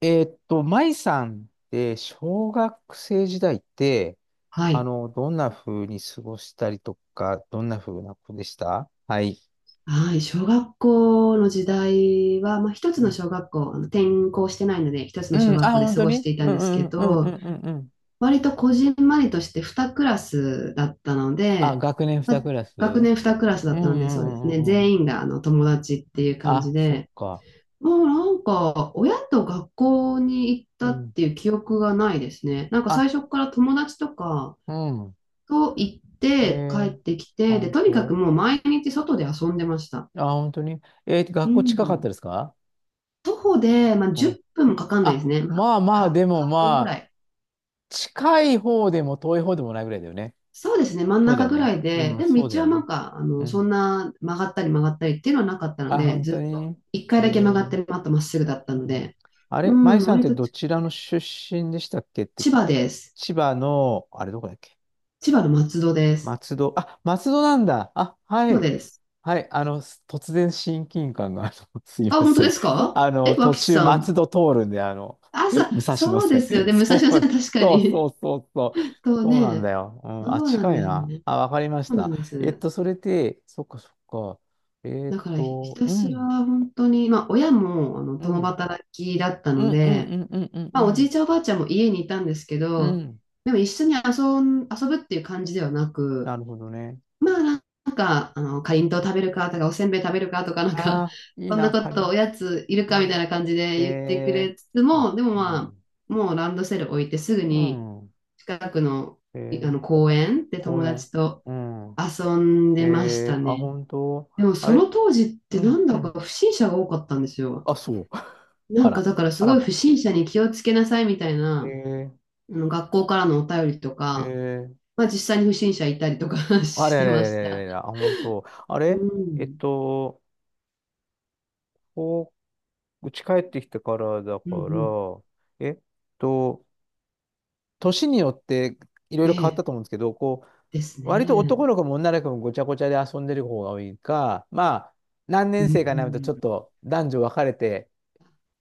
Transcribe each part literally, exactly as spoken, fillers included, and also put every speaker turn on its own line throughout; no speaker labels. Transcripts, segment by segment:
えーっと、舞さんって小学生時代って、
は
あ
い。
の、どんな風に過ごしたりとか、どんな風な子でした。はい。
はい。小学校の時代は、まあ、一つ
う
の
ん、
小学校、あの転校してないので、一つ
う
の小
ん。あ、
学校で
本
過
当
ごし
に。
ていた
う
ん
ん
で
う
すけ
んうんうん
ど、
うんうん。
割とこじんまりとしてにクラスだったの
あ、
で、
学年
ま
に
あ、
クラス。
学
うん
年にクラス
う
だったの
ん
で、そ
う
うです
ん
ね。
うんうん。
全員があの友達っていう感
あ、
じ
そっ
で、
か。
もうなんか、親と学校に行っ
う
たっ
ん。
ていう記憶がないですね。なんか
あ、
最初から友達とか
うん。
と行っ
え
て帰
ー、
ってき
あ、
て、で、
本
とにかく
当。
もう毎日外で遊んでました。
あ、本当に。えー、
う
学校近かっ
ん。
たですか？
徒歩で、まあ、
う
10
ん。
分もかかんないです
あ、
ね。ま
まあ
あ、
まあ、
は
でも
はっぷん
ま
ぐら
あ、
い。
近い方でも遠い方でもないぐらいだよね。
そうですね、真ん
そうだ
中
よ
ぐ
ね。
らいで、
うん、
でも
そうだ
道
よ
はな
ね。
んか、あ
う
の、そ
ん。
んな曲がったり曲がったりっていうのはなかったの
あ、
で、
本当
ずっと
に。
1
え
回だけ曲がっ
ー、
て、またまっすぐだった
う
の
ん。
で、
あ
う
れ、舞
ん、
さんっ
割
て
と
ど
ち
ちらの出身でしたっけって、
千葉です。
千葉の、あれどこだっけ？
千葉の松戸です。
松戸。あ、松戸なんだ。あ、は
そう
い。
です。
はい。あの、す突然親近感が、あの、すい
あ、
ま
本当
せ
で
ん。
すか？
あ
え、
の、途
脇
中
さ
松
ん。
戸通るんで、あの、
あ、そ
武蔵野
そうで
線。
すよ ね、武蔵
そ
野線
う、
確か
そう
に。
そうそうそう。
と
そうなんだ
ね、
よ。う
そ
ん、あ、
うなん
近い
です
な。
ね。
あ、わかりまし
そうな
た。
んで
えっ
す。
と、それで、そっかそっか。えっ
だからひひ
と、
た
う
すら
ん、
本当に、まあ、親もあの
う
共
ん、
働きだった
う
の
ん、うん、
で、
うん、うん、うん、
ま
う
あ、おじい
ん。
ちゃんおばあちゃんも家にいたんですけ
う
ど、
ん。
でも一緒に遊ん、遊ぶっていう感じではなく、
なるほどね。
まあなんか、あの、かりんとう食べるかとか、おせんべい食べるかとか、なん
あ
か、
あ、い い
そんな
な、
こ
仮
とお
に。
やついる
う
かみたい
ん、
な感じで言ってく
え
れつつ
ー、あ、
も、でも
う
まあ、
ん。
もうランドセル置いてすぐ
う
に
ん。
近くの、
え
いあの
ー、
公園で友
公
達
園。
と
うん。
遊んでまし
え
た
ー、あ、
ね。
本当。
でも
あ
その
れ、
当時って
う
な
ん、
ん
う
だ
ん。
か不審者が多かったんですよ。
あ、そう。
な
あ
んか
ら。
だからす
あら
ごい不
ま。
審者に気をつけなさいみたいな、
え
あの学校からのお便りと
ー、え
か、
ー、
まあ実際に不審者いたりとか
あ
し
れあ
て
れあれ
ま
あれ
し
あれ
た。
あれ、あ、本当。あ
う
れえっ
ん。
と、こう、うち帰ってきてからだか
うんうん。
ら、えっと、年によっていろい
え
ろ変わった
え。
と思うんですけど、こ
です
う、割と
ね。
男の子も女の子もごちゃごちゃで遊んでる方が多いか、まあ、何
う
年生かになるとち
ん。
ょっと男女分かれて、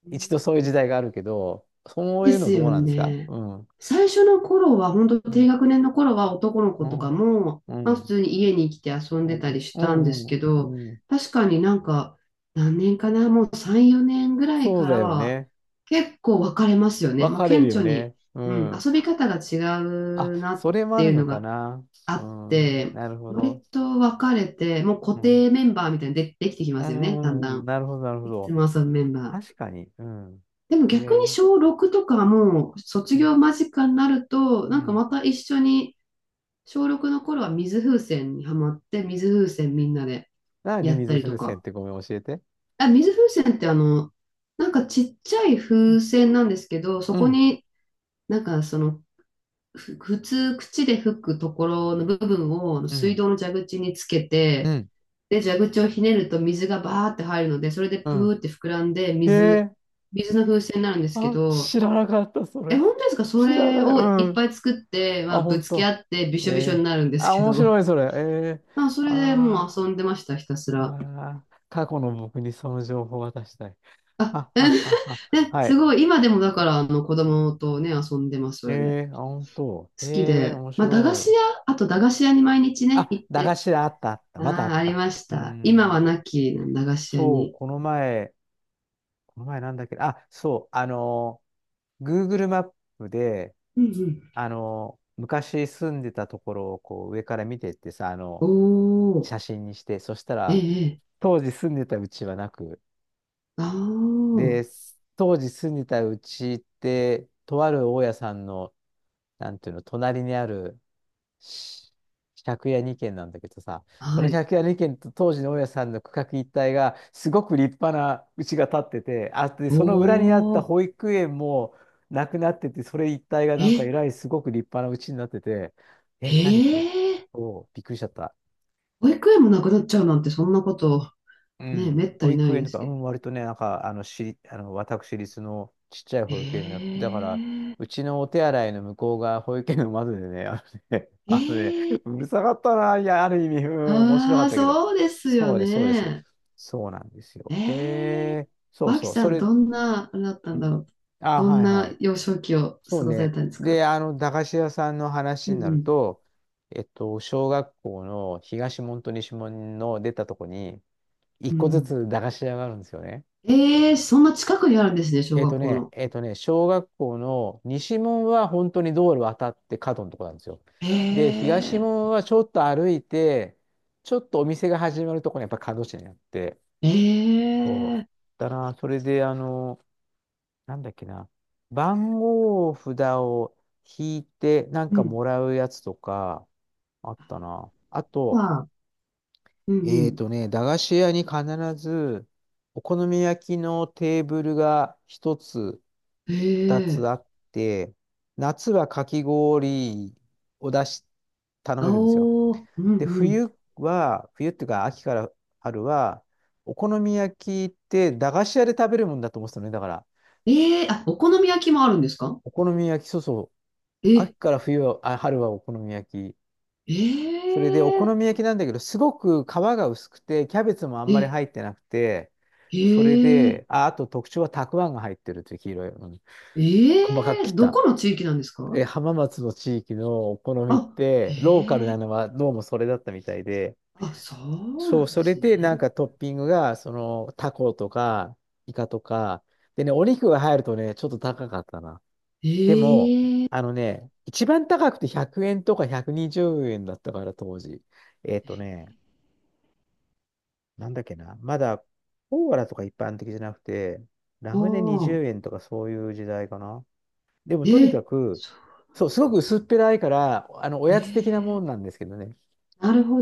う
一度そういう時
ん。
代があるけど、そう
で
いうの
すよ
どうなんですか？
ね。
うん。
最初の頃は、本当
う
低
ん。
学年の頃は男の子
う
とか
ん。
も、
う
まあ普
ん。
通に家に来て遊ん
う
でた
ん。
りし
う
たんです
ん。
け
う
ど、
んうん。
確かになんか、何年かな、もうさん、よねんぐらい
そ
か
うだ
ら
よ
は、
ね。
結構分かれますよね。
分
もう
かれ
顕
るよ
著に、
ね。う
うん、
ん。
遊び方が違
あ、
うなっ
それもあ
て
る
いう
の
の
か
が
な。
あ
う
っ
ん。
て、
なるほ
割
ど。
と分かれて、もう固
うん。
定メンバーみたいにで、できてき
う
ますよね、だん
ん。
だ
うん。
ん。
なるほど、なるほ
いつ
ど。
も遊ぶメンバー。
確かに。うん。
でも
え
逆に
ー、
小ろくとかはもう卒
うん。
業間近になると、
う
なんか
ん。
また一緒に、小ろくの頃は水風船にハマって、水風船みんなで
何、
やった
水
りと
風船っ
か。
てごめん、教えて。
あ、水風船ってあの、なんかちっちゃい
う
風
ん。
船なんですけど、そ
う
こ
ん。
になんかその、ふ普通口で吹くところの部分を
う
水
ん。
道の蛇口につけ
う
て、
ん。
で、蛇口をひねると水がバーって入るので、それで
う
プ
ん。
ーって膨らんで
へ
水、
え。
水の風船になるんですけ
あ、
ど、
知らなかった、そ
え、
れ。
本当ですか？そ
知ら
れ
ない。
を
う
いっぱ
ん。
い作って、ま
あ、
あ、ぶ
本
つけ合
当。
ってびし
え
ょびしょに
え、
なるんです
あ、
け
面
ど。
白い、それ。ええ、
まあ、それでもう
あ
遊んでました、ひたす
ー、あー、
ら。
な過去の僕にその情報を渡したい。
あ、
あ、
え
あ、あ、あ、
ね、
は
す
い。
ごい。今でもだから、あの、子
うん。
供とね、遊んでます、そ
え
れで。
え、あ、本当。
好き
ええ、
で。
面
まあ、駄菓
白
子
い。
屋、あと駄菓子屋に毎日ね、
あ、
行っ
駄菓
て。
子だ、あった、あった。まだあ
ああ、
っ
あり
た。
まし
うー
た。今は
ん。
なき駄菓子屋
そ
に。
う、この前、この前なんだっけ、あ、そう、あのー、Google マップで、
うんうん。
あの昔住んでたところをこう上から見てってさ、あ
お
の、
ー、
写真にして、そした
え
ら、
え、ええ、
当時住んでたうちはなく、
あ
で、当時住んでたうちって、とある大家さんの、なんていうの、隣にあるし借家にけん軒なんだけどさ、
ー、
そ
は
の
い。
借家二軒と当時の大家さんの区画一帯が、すごく立派な家が建ってて、あ、で、
お
その裏にあった
ー、
保育園もなくなってて、それ一帯がなんかえ
え、
らいすごく立派な家になってて、え、何これ？
ええ。
おうびっくりしちゃった。
保育園もなくなっちゃうなんて、そんなこと。
う
ね、
ん。
めった
保
にな
育
い
園
で
と
す
か、う
けど。
ん、割とね、なんか、あの、しり、あの、私立のちっちゃい保育園になって、だから、
ええ、
うちのお手洗いの向こうが保育園の窓でね、あのね、
え
あのね、
ー、
うるさかったな、いや、ある意味、うん、面白か
あ
っ
あ、
たけど、
そうですよ
そうです、そうです。
ね。
そうなんですよ。
え
へ
ー、
え、そう
マキ
そう、そ
さん、
れ、ん、
どんな、あれだったんだろう。
あ、
どん
はいは
な
い。
幼少期を
そう
過ごされ
ね。
たんですか？
で、あの、駄菓子屋さんの
う
話になる
ん
と、えっと、小学校の東門と西門の出たとこに、一
うん。う
個ず
ん。
つ駄菓子屋があるんですよね。
えー、そんな近くにあるんですね、小
えっと
学校
ね、
の。
えっとね、小学校の西門は本当に道路渡って角のとこなんですよ。で、
え
東
え。
門はちょっと歩いて、ちょっとお店が始まるとこにやっぱ角地にあって。そう
ええ。
だな、それで、あの、なんだっけな、番号札を引いてなん
う
か
ん。
もらうやつとか、あったな。あと、
は、うんう
えー
ん。
とね、駄菓子屋に必ず、お好み焼きのテーブルが一つ、二つ
ええ。
あって、夏はかき氷を出し、頼めるんですよ。
おおー、うん
で、
うん。
冬は、冬っていうか秋から春は、お好み焼きって駄菓子屋で食べるもんだと思ってたのね。だから、
ええー、あ、お好み焼きもあるんですか？
お好み焼き、そうそう、
え、
秋から冬は、あ、春はお好み焼き。
え
それでお
えー、
好み焼きなんだけど、すごく皮が薄くて、キャベツもあんまり
え、
入ってなくて、それ
へえ、
で、あ、あと特徴はたくあんが入ってるっていう黄色い、うん、
え
細かく
え、
切っ
ど
た。
この地域なんですか？
え、浜松の地域のお好みっ
あ、へ
て、ローカルな
え、
のはどうもそれだったみたいで、
あ、そう
そ
な
う、
んで
それ
すね。
でなんかトッピングが、その、タコとか、イカとか、でね、お肉が入るとね、ちょっと高かったな。
え
でも、
え、
あのね、一番高くてひゃくえんとかひゃくにじゅうえんだったから当時。えっ
え、
とね、なんだっけな、まだコーラとか一般的じゃなくて、ラ
お
ムネ20
ー、
円とかそういう時代かな。でもとにか
え、
く、
そ
そう、すごく薄っぺらいから、あの、お
う、
やつ的な
え
も
え、
んなんですけどね。
なるほ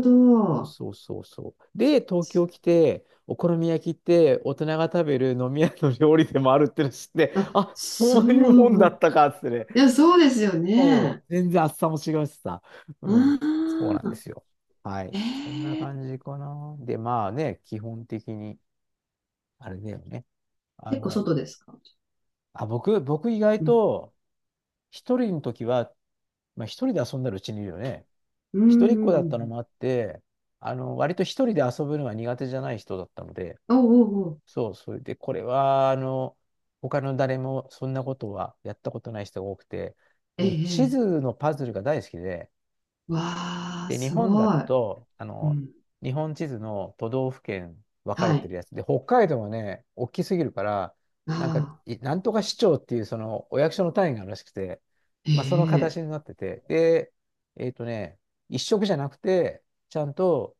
そう
ど。
そうそうそう。で、東京来て、お好み焼きって大人が食べる飲み屋の料理でもあるっての知って、
あ、
あ、
そ
そういうもんだっ
う、
たかっつってね。
いや、そうですよ
そ
ね。
う、全然厚さも違うしさ。うん。そう
あ
なんで
あ、
すよ。はい。
え
そんな感
え、
じかな。で、まあね、基本的に、あれだよね。あ
結構
の、
外ですか？
あ、僕、僕意外
うん、
と、一人の時は、まあ一人で遊んだらうちにいるよね。
う
一人
ん、
っ
う
子だったの
ん、
もあって、あの、割と一人で遊ぶのが苦手じゃない人だったので、
うん。おうおうおう、
そう、それで、これは、あの、他の誰もそんなことはやったことない人が多くて、
え
僕、地
え、え
図
え、
のパズルが大好きで、
わあ、
で、日
す
本だ
ごい。
と、あ
う
の、
ん、
日本地図の都道府県分かれ
は
て
い。
るやつで、北海道はね、大きすぎるから、
あ
なんか、
あ、
いなんとか市長っていうそのお役所の単位があるらしくて、
え
まあ、その形に
え。
なってて、で、えっとね、一色じゃなくて、ちゃんと、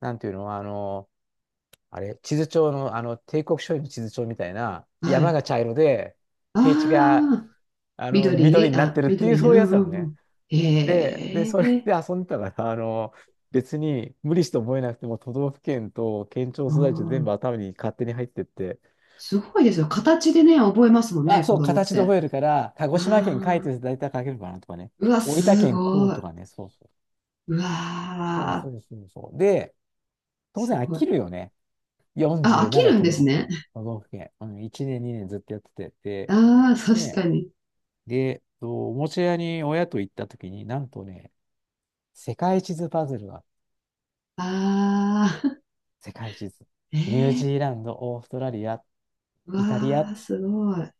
なんていうの、あの、あれ、地図帳の、あの、帝国書院の地図帳みたいな、
は
山が
い。
茶色で、平地が、
ああ、
あの、緑
緑、
になっ
あ、
てるっていう、
緑で、
そう
う
いうや
ん
つなの
うんう
ね。
ん。
で、で、
へ
それ
え、
で遊んでたから、あの、別に無理して覚えなくても、都道府県と県庁
あ
所在地全部
ー、
頭に勝手に入ってって、
すごいですよ。形でね、覚えますもん
あ、
ね、
そ
子
う、
供っ
形で
て。
覚えるから、鹿児島県書い
あ
てると
あ、
大体書けるかなとかね、
うわ、
大分
す
県こう
ご
と
い。
かね、そうそう。
う
そう
わー、
そうそうそう。で、当
す
然飽
ごい。
きるよね。
あ、飽き
よんじゅうなな
るん
都
です
道府
ね。
県、都道府県。うん、いちねん、にねんずっとやってて、
ああ、
で、
確
ね、
かに。
で、とおもちゃ屋に親と行った時に、なんとね、世界地図パズルが
ああ、
世界地図。
え
ニュージー
ー、
ランド、オーストラリア、
う
イタリ
わ
ア。
あ、すごい。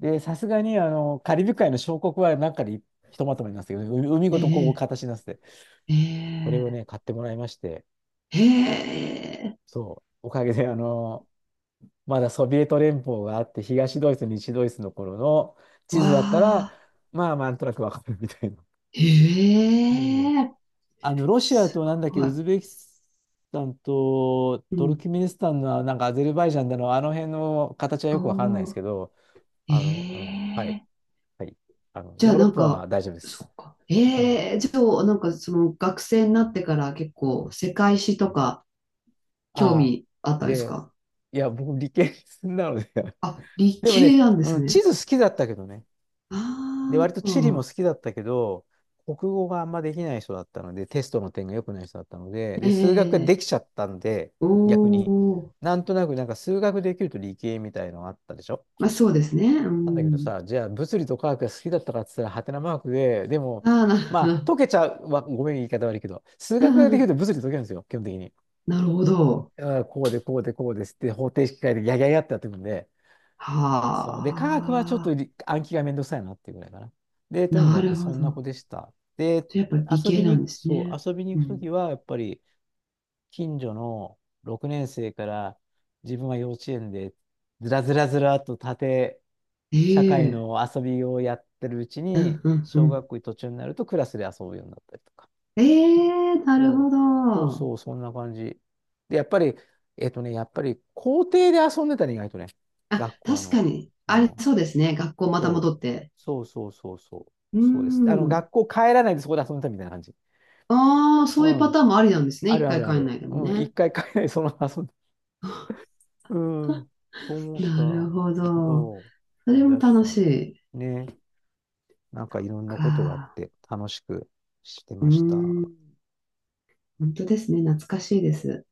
で、さすがに、あの、カリブ海の小国はなんかでひとまとめになってたけど、海海
え
ごとこう
え、
形になってて、これ
え
をね、買ってもらいまして、
え、ええ、
そう、おかげで、あの、まだソビエト連邦があって、東ドイツ、西ドイツの頃の地
わ
図だったら、
あ、
まあ、なんとなくわかるみたいな。もう
ええ、
あの、ロシア
す
となんだっけ、
ご
ウ
い。
ズベキスタンと
う
トル
ん。
キメニスタンの、なんかアゼルバイジャンだの、あの辺の形はよくわかんないです
お
けど、あの、うん、はい、
ー、ええ、
はい。あの、
じゃ
ヨ
あ
ーロ
な
ッ
ん
パは
か、
大丈夫で
そ
す。
っか。
うん、
ええ、じゃあなんかその学生になってから結構世界史とか興
ああ、
味あったんです
で、
か？
いや、僕、理系なので
あ、理
でもね、
系なんで
う
す
ん、地
ね。
図好きだったけどね。で、
あ
割と地理も
あ、
好きだったけど、国語があんまできない人だったので、テストの点が良くない人だったので、で、数学がで
ええ、
きちゃったんで、逆
お
に、
お、
なんとなくなんか数学できると理系みたいのがあったでしょ
まあそ
昔。
うですね。う
なんだけど
ん。
さ、じゃあ物理と科学が好きだったかっつったら、はてなマークで、でも、
ああ、なるほ
まあ、
ど。
解けちゃう、わごめん、言い方悪いけど、数
う
学ができる
ん、
と物理解けるんですよ、基本的に。
なるほど。
あーこうで、こうで、こうですって、方程式変えて、やややってやってくんで、そう。で、科学はちょっと
はあ、
り暗記がめんどくさいなっていうぐらいかな。で、とに
な
かく
るほ
そんな
ど。
子でした。で、
じゃあやっぱ理
遊び
系なん
に、
です
そう、
ね。
遊びに
う
行くとき
ん、
は、やっぱり、近所のろくねん生から自分は幼稚園でずらずらずらっと縦社会
ええ、
の遊びをやってるうち
う
に
んうんう
小
ん。
学校途中になるとクラスで遊ぶようになったりとか。
ええ、なる
そう
ほ
そう
ど。
そう、そんな感じ。で、やっぱり、えっとね、やっぱり校庭で遊んでたね、意外とね、
あ、
学校
確
の。
かに。
う
あれ、
ん。
そうですね。学校また
そう
戻って。
そうそうそうそう。
うー
そうです。あの、
ん。
学校帰らないでそこで遊んでたみたいな感じ。
ああ、そう
う
いうパ
ん。
ターンもありなんですね。
あ
一
るあ
回
るあ
帰んな
る。
いでも
うん。一
ね。
回帰らないでそのまま遊んで。うん。そう思った。
なる
そ
ほ
う。
ど。そ
思
れ
い
も
出し
楽し
た。
い。
ね。なんかいろんなことがあっ
か。
て楽しくして
う
ました。
ーん。本当ですね。懐かしいです。